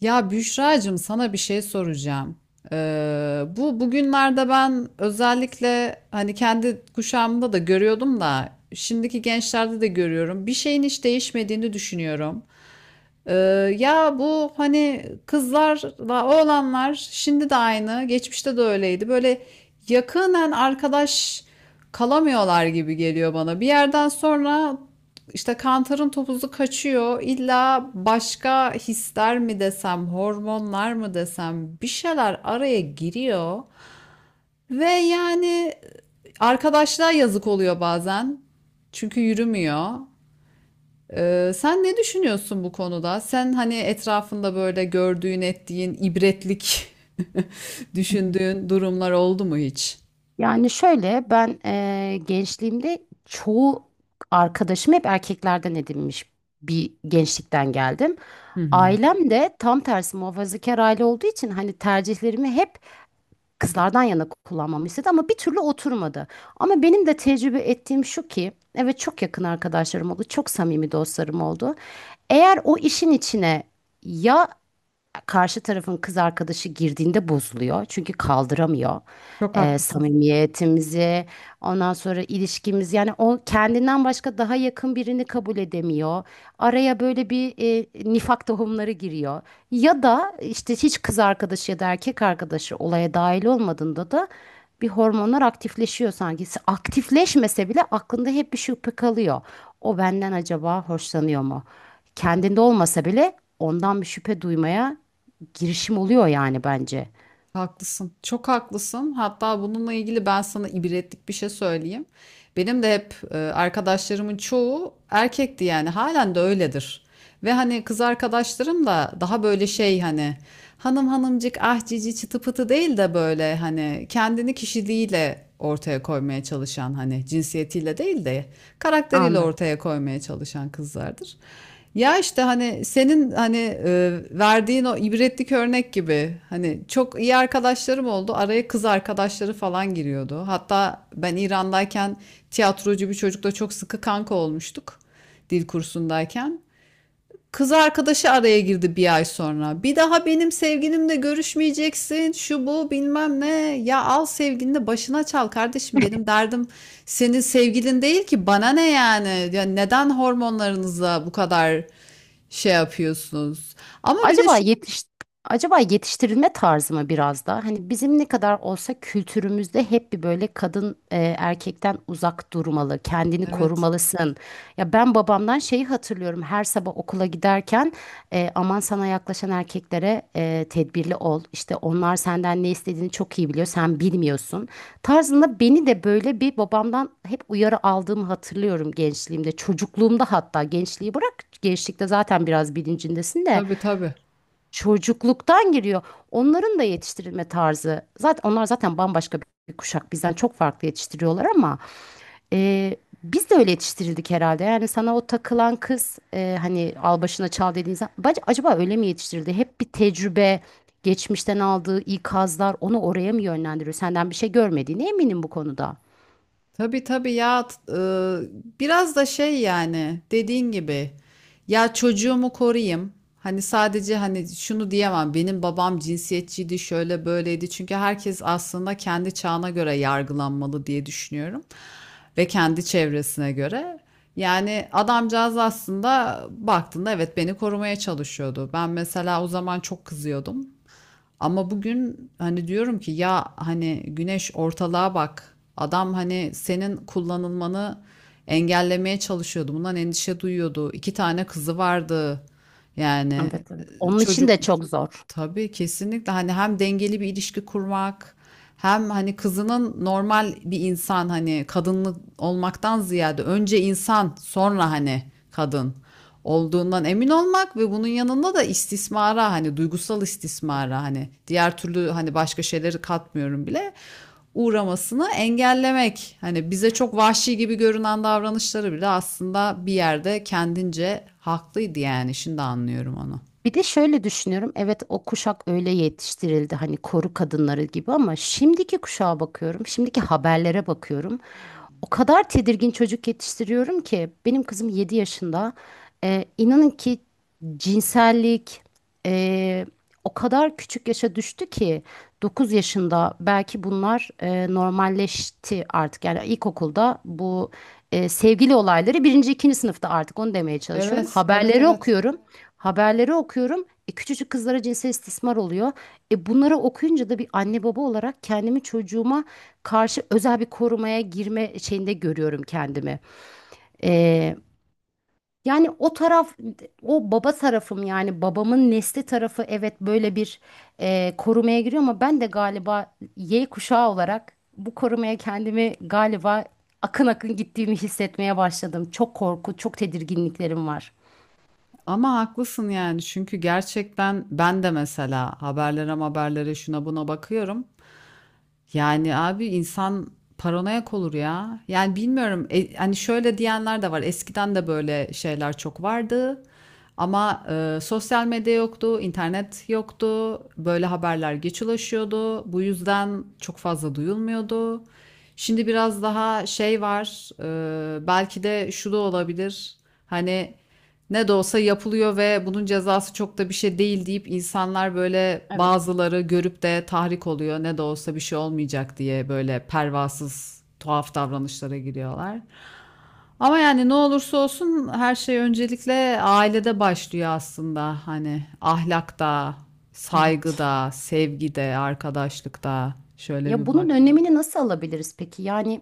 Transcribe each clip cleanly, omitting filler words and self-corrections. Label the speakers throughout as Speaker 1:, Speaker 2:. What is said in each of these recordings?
Speaker 1: Ya Büşra'cığım sana bir şey soracağım. Bu bugünlerde ben özellikle hani kendi kuşağımda da görüyordum da şimdiki gençlerde de görüyorum. Bir şeyin hiç değişmediğini düşünüyorum. Ee, Ya bu hani kızlarla oğlanlar şimdi de aynı, geçmişte de öyleydi. Böyle yakınen arkadaş kalamıyorlar gibi geliyor bana. Bir yerden sonra işte kantarın topuzu kaçıyor. İlla başka hisler mi desem, hormonlar mı desem bir şeyler araya giriyor. Ve yani arkadaşlığa yazık oluyor bazen. Çünkü yürümüyor. Sen ne düşünüyorsun bu konuda? Sen hani etrafında böyle gördüğün, ettiğin, ibretlik düşündüğün durumlar oldu mu hiç?
Speaker 2: Yani şöyle ben gençliğimde çoğu arkadaşım hep erkeklerden edinmiş bir gençlikten geldim.
Speaker 1: Hı hı.
Speaker 2: Ailem de tam tersi muhafazakar aile olduğu için hani tercihlerimi hep kızlardan yana kullanmamı istedi ama bir türlü oturmadı. Ama benim de tecrübe ettiğim şu ki evet çok yakın arkadaşlarım oldu, çok samimi dostlarım oldu. Eğer o işin içine ya karşı tarafın kız arkadaşı girdiğinde bozuluyor. Çünkü kaldıramıyor.
Speaker 1: Çok
Speaker 2: Ee,
Speaker 1: haklısın.
Speaker 2: samimiyetimizi, ondan sonra ilişkimiz yani o kendinden başka daha yakın birini kabul edemiyor. Araya böyle bir nifak tohumları giriyor. Ya da işte hiç kız arkadaşı ya da erkek arkadaşı olaya dahil olmadığında da bir hormonlar aktifleşiyor sanki. Aktifleşmese bile aklında hep bir şüphe kalıyor. O benden acaba hoşlanıyor mu? Kendinde olmasa bile ondan bir şüphe duymaya girişim oluyor yani bence.
Speaker 1: Haklısın. Çok haklısın. Hatta bununla ilgili ben sana ibretlik bir şey söyleyeyim. Benim de hep arkadaşlarımın çoğu erkekti yani. Halen de öyledir. Ve hani kız arkadaşlarım da daha böyle şey hani hanım hanımcık ah cici çıtı pıtı değil de böyle hani kendini kişiliğiyle ortaya koymaya çalışan hani cinsiyetiyle değil de karakteriyle
Speaker 2: Anladım.
Speaker 1: ortaya koymaya çalışan kızlardır. Ya işte hani senin hani verdiğin o ibretlik örnek gibi hani çok iyi arkadaşlarım oldu. Araya kız arkadaşları falan giriyordu. Hatta ben İran'dayken tiyatrocu bir çocukla çok sıkı kanka olmuştuk dil kursundayken. Kız arkadaşı araya girdi bir ay sonra. Bir daha benim sevgilimle görüşmeyeceksin. Şu bu bilmem ne. Ya al sevgilini de başına çal kardeşim. Benim derdim senin sevgilin değil ki. Bana ne yani? Ya neden hormonlarınızla bu kadar şey yapıyorsunuz? Ama bir de
Speaker 2: Acaba
Speaker 1: şu...
Speaker 2: yetiş acaba yetiştirilme tarzı mı biraz da? Hani bizim ne kadar olsa kültürümüzde hep bir böyle kadın erkekten uzak durmalı, kendini
Speaker 1: Evet.
Speaker 2: korumalısın. Ya ben babamdan şeyi hatırlıyorum. Her sabah okula giderken aman sana yaklaşan erkeklere tedbirli ol. İşte onlar senden ne istediğini çok iyi biliyor, sen bilmiyorsun. Tarzında beni de böyle bir babamdan hep uyarı aldığımı hatırlıyorum gençliğimde, çocukluğumda hatta gençliği bırak. Gençlikte zaten biraz bilincindesin de
Speaker 1: Tabii tabii.
Speaker 2: çocukluktan giriyor. Onların da yetiştirilme tarzı. Zaten onlar zaten bambaşka bir kuşak. Bizden çok farklı yetiştiriyorlar ama e, biz de öyle yetiştirildik herhalde. Yani sana o takılan kız hani al başına çal dediğiniz acaba öyle mi yetiştirildi? Hep bir tecrübe, geçmişten aldığı ikazlar onu oraya mı yönlendiriyor? Senden bir şey görmediğine eminim bu konuda.
Speaker 1: Tabii tabii ya biraz da şey yani dediğin gibi ya çocuğumu koruyayım. Hani sadece hani şunu diyemem benim babam cinsiyetçiydi şöyle böyleydi. Çünkü herkes aslında kendi çağına göre yargılanmalı diye düşünüyorum. Ve kendi çevresine göre. Yani adamcağız aslında baktığında evet beni korumaya çalışıyordu. Ben mesela o zaman çok kızıyordum. Ama bugün hani diyorum ki ya hani güneş ortalığa bak. Adam hani senin kullanılmanı engellemeye çalışıyordu. Bundan endişe duyuyordu. İki tane kızı vardı. Yani
Speaker 2: Evet, evet. Onun için
Speaker 1: çocuk.
Speaker 2: de çok zor.
Speaker 1: Tabii kesinlikle hani hem dengeli bir ilişki kurmak hem hani kızının normal bir insan hani kadınlı olmaktan ziyade önce insan sonra hani kadın olduğundan emin olmak ve bunun yanında da istismara hani duygusal istismara hani diğer türlü hani başka şeyleri katmıyorum bile uğramasını engellemek. Hani bize çok vahşi gibi görünen davranışları bile aslında bir yerde kendince haklıydı yani şimdi anlıyorum onu.
Speaker 2: Bir de şöyle düşünüyorum. Evet, o kuşak öyle yetiştirildi hani koru kadınları gibi ama şimdiki kuşağa bakıyorum. Şimdiki haberlere bakıyorum. O kadar tedirgin çocuk yetiştiriyorum ki benim kızım 7 yaşında. İnanın ki cinsellik ee, o kadar küçük yaşa düştü ki 9 yaşında belki bunlar normalleşti artık. Yani ilkokulda bu sevgili olayları birinci, ikinci sınıfta artık onu demeye çalışıyorum.
Speaker 1: Evet, evet,
Speaker 2: Haberleri
Speaker 1: evet.
Speaker 2: okuyorum. Haberleri okuyorum. Küçücük kızlara cinsel istismar oluyor. Bunları okuyunca da bir anne baba olarak kendimi çocuğuma karşı özel bir korumaya girme şeyinde görüyorum kendimi. E, yani o taraf, o baba tarafım yani babamın nesli tarafı evet böyle bir korumaya giriyor ama ben de galiba Y kuşağı olarak bu korumaya kendimi galiba akın akın gittiğimi hissetmeye başladım. Çok korku, çok tedirginliklerim var.
Speaker 1: Ama haklısın yani çünkü gerçekten ben de mesela haberlere şuna buna bakıyorum. Yani abi insan paranoyak olur ya. Yani bilmiyorum hani şöyle diyenler de var. Eskiden de böyle şeyler çok vardı. Ama sosyal medya yoktu, internet yoktu. Böyle haberler geç ulaşıyordu. Bu yüzden çok fazla duyulmuyordu. Şimdi biraz daha şey var. Belki de şu da olabilir. Hani ne de olsa yapılıyor ve bunun cezası çok da bir şey değil deyip insanlar böyle
Speaker 2: Evet,
Speaker 1: bazıları görüp de tahrik oluyor. Ne de olsa bir şey olmayacak diye böyle pervasız tuhaf davranışlara giriyorlar. Ama yani ne olursa olsun her şey öncelikle ailede başlıyor aslında. Hani ahlakta,
Speaker 2: evet.
Speaker 1: saygıda, sevgide, arkadaşlıkta şöyle
Speaker 2: Ya
Speaker 1: bir
Speaker 2: bunun
Speaker 1: bak.
Speaker 2: önlemini nasıl alabiliriz peki? Yani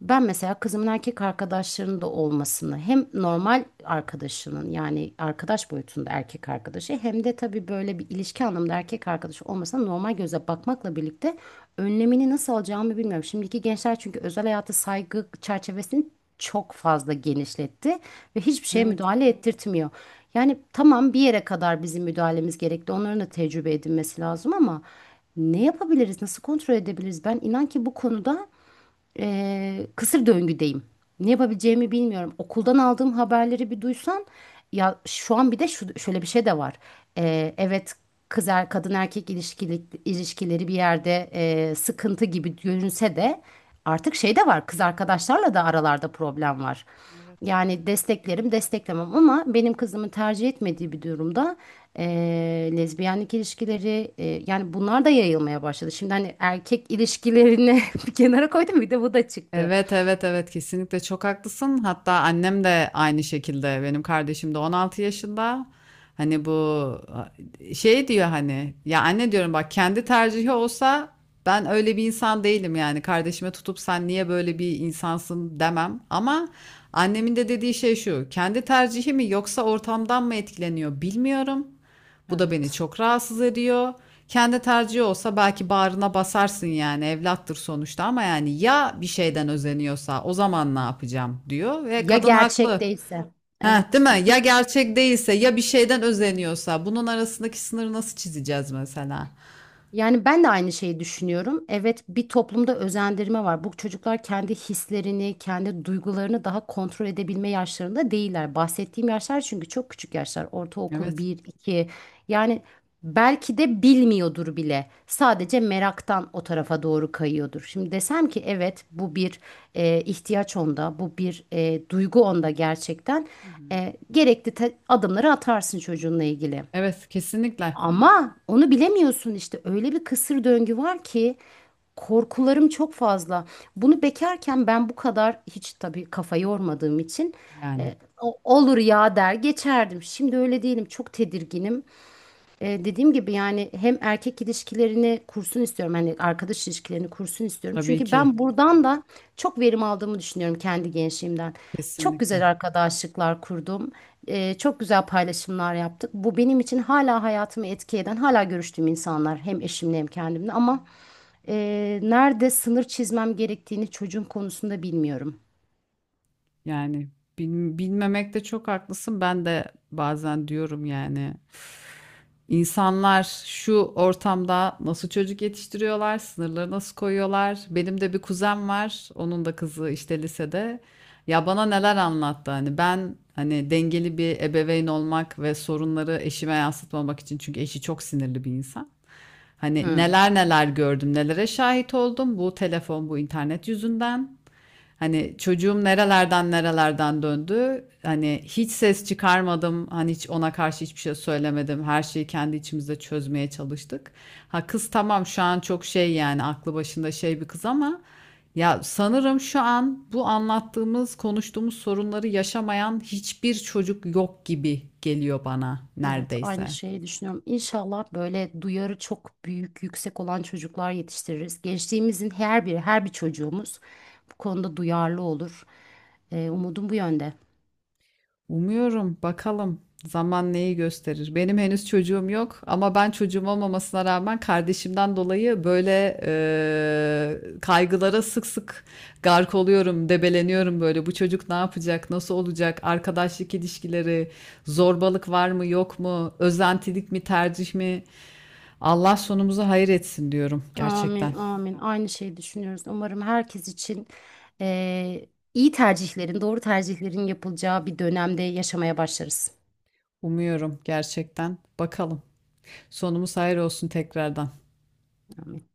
Speaker 2: ben mesela kızımın erkek arkadaşlarının da olmasını hem normal arkadaşının yani arkadaş boyutunda erkek arkadaşı hem de tabii böyle bir ilişki anlamında erkek arkadaşı olmasına normal göze bakmakla birlikte önlemini nasıl alacağımı bilmiyorum. Şimdiki gençler çünkü özel hayata saygı çerçevesini çok fazla genişletti ve hiçbir şeye
Speaker 1: Evet.
Speaker 2: müdahale ettirtmiyor. Yani tamam bir yere kadar bizim müdahalemiz gerekli. Onların da tecrübe edinmesi lazım ama ne yapabiliriz? Nasıl kontrol edebiliriz? Ben inan ki bu konuda kısır döngüdeyim. Ne yapabileceğimi bilmiyorum. Okuldan aldığım haberleri bir duysan ya şu an bir de şu, şöyle bir şey de var. Evet, kadın erkek ilişkileri bir yerde sıkıntı gibi görünse de artık şey de var. Kız arkadaşlarla da aralarda problem var.
Speaker 1: Evet.
Speaker 2: Yani desteklerim, desteklemem ama benim kızımın tercih etmediği bir durumda lezbiyenlik ilişkileri yani bunlar da yayılmaya başladı. Şimdi hani erkek ilişkilerini bir kenara koydum, bir de bu da çıktı.
Speaker 1: Evet evet evet kesinlikle çok haklısın. Hatta annem de aynı şekilde. Benim kardeşim de 16 yaşında. Hani bu şey diyor hani ya anne diyorum bak kendi tercihi olsa ben öyle bir insan değilim yani. Kardeşime tutup sen niye böyle bir insansın demem. Ama annemin de dediği şey şu. Kendi tercihi mi yoksa ortamdan mı etkileniyor bilmiyorum. Bu da beni
Speaker 2: Evet.
Speaker 1: çok rahatsız ediyor. Kendi tercihi olsa belki bağrına basarsın yani evlattır sonuçta ama yani ya bir şeyden özeniyorsa o zaman ne yapacağım diyor ve
Speaker 2: Ya
Speaker 1: kadın
Speaker 2: gerçek
Speaker 1: haklı.
Speaker 2: değilse.
Speaker 1: Heh, değil
Speaker 2: Evet.
Speaker 1: mi? Ya gerçek değilse ya bir şeyden özeniyorsa bunun arasındaki sınırı nasıl çizeceğiz mesela?
Speaker 2: Yani ben de aynı şeyi düşünüyorum. Evet, bir toplumda özendirme var. Bu çocuklar kendi hislerini, kendi duygularını daha kontrol edebilme yaşlarında değiller. Bahsettiğim yaşlar çünkü çok küçük yaşlar. Ortaokul
Speaker 1: Evet.
Speaker 2: bir, 2. Yani belki de bilmiyordur bile. Sadece meraktan o tarafa doğru kayıyordur. Şimdi desem ki evet, bu bir ihtiyaç onda, bu bir duygu onda gerçekten.
Speaker 1: Hı hı.
Speaker 2: Gerekli adımları atarsın çocuğunla ilgili.
Speaker 1: Evet, kesinlikle.
Speaker 2: Ama onu bilemiyorsun işte öyle bir kısır döngü var ki korkularım çok fazla. Bunu bekarken ben bu kadar hiç tabii kafa yormadığım için
Speaker 1: Yani
Speaker 2: e, olur ya der geçerdim. Şimdi öyle değilim, çok tedirginim. Dediğim gibi yani hem erkek ilişkilerini kursun istiyorum. Hani arkadaş ilişkilerini kursun istiyorum.
Speaker 1: tabii
Speaker 2: Çünkü
Speaker 1: ki
Speaker 2: ben buradan da çok verim aldığımı düşünüyorum kendi gençliğimden. Çok
Speaker 1: kesinlikle.
Speaker 2: güzel arkadaşlıklar kurdum. Çok güzel paylaşımlar yaptık. Bu benim için hala hayatımı etki eden, hala görüştüğüm insanlar. Hem eşimle hem kendimle ama nerede sınır çizmem gerektiğini çocuğun konusunda bilmiyorum.
Speaker 1: Yani bilmemekte çok haklısın. Ben de bazen diyorum yani İnsanlar şu ortamda nasıl çocuk yetiştiriyorlar, sınırları nasıl koyuyorlar? Benim de bir kuzen var, onun da kızı işte lisede. Ya bana neler anlattı hani ben hani dengeli bir ebeveyn olmak ve sorunları eşime yansıtmamak için çünkü eşi çok sinirli bir insan. Hani
Speaker 2: Hmm.
Speaker 1: neler neler gördüm, nelere şahit oldum bu telefon, bu internet yüzünden. Hani çocuğum nerelerden döndü. Hani hiç ses çıkarmadım. Hani hiç ona karşı hiçbir şey söylemedim. Her şeyi kendi içimizde çözmeye çalıştık. Ha kız tamam şu an çok şey yani aklı başında şey bir kız ama ya sanırım şu an bu anlattığımız, konuştuğumuz sorunları yaşamayan hiçbir çocuk yok gibi geliyor bana
Speaker 2: Evet,
Speaker 1: neredeyse.
Speaker 2: aynı şeyi düşünüyorum. İnşallah böyle duyarı çok büyük, yüksek olan çocuklar yetiştiririz. Gençliğimizin her biri, her bir çocuğumuz bu konuda duyarlı olur. Umudum bu yönde.
Speaker 1: Umuyorum. Bakalım zaman neyi gösterir. Benim henüz çocuğum yok ama ben çocuğum olmamasına rağmen kardeşimden dolayı böyle kaygılara sık sık gark oluyorum, debeleniyorum böyle. Bu çocuk ne yapacak, nasıl olacak, arkadaşlık ilişkileri, zorbalık var mı, yok mu, özentilik mi, tercih mi? Allah sonumuzu hayır etsin diyorum gerçekten.
Speaker 2: Amin, amin. Aynı şeyi düşünüyoruz. Umarım herkes için eee, iyi tercihlerin, doğru tercihlerin yapılacağı bir dönemde yaşamaya başlarız.
Speaker 1: Umuyorum gerçekten. Bakalım. Sonumuz hayır olsun tekrardan.
Speaker 2: Amin.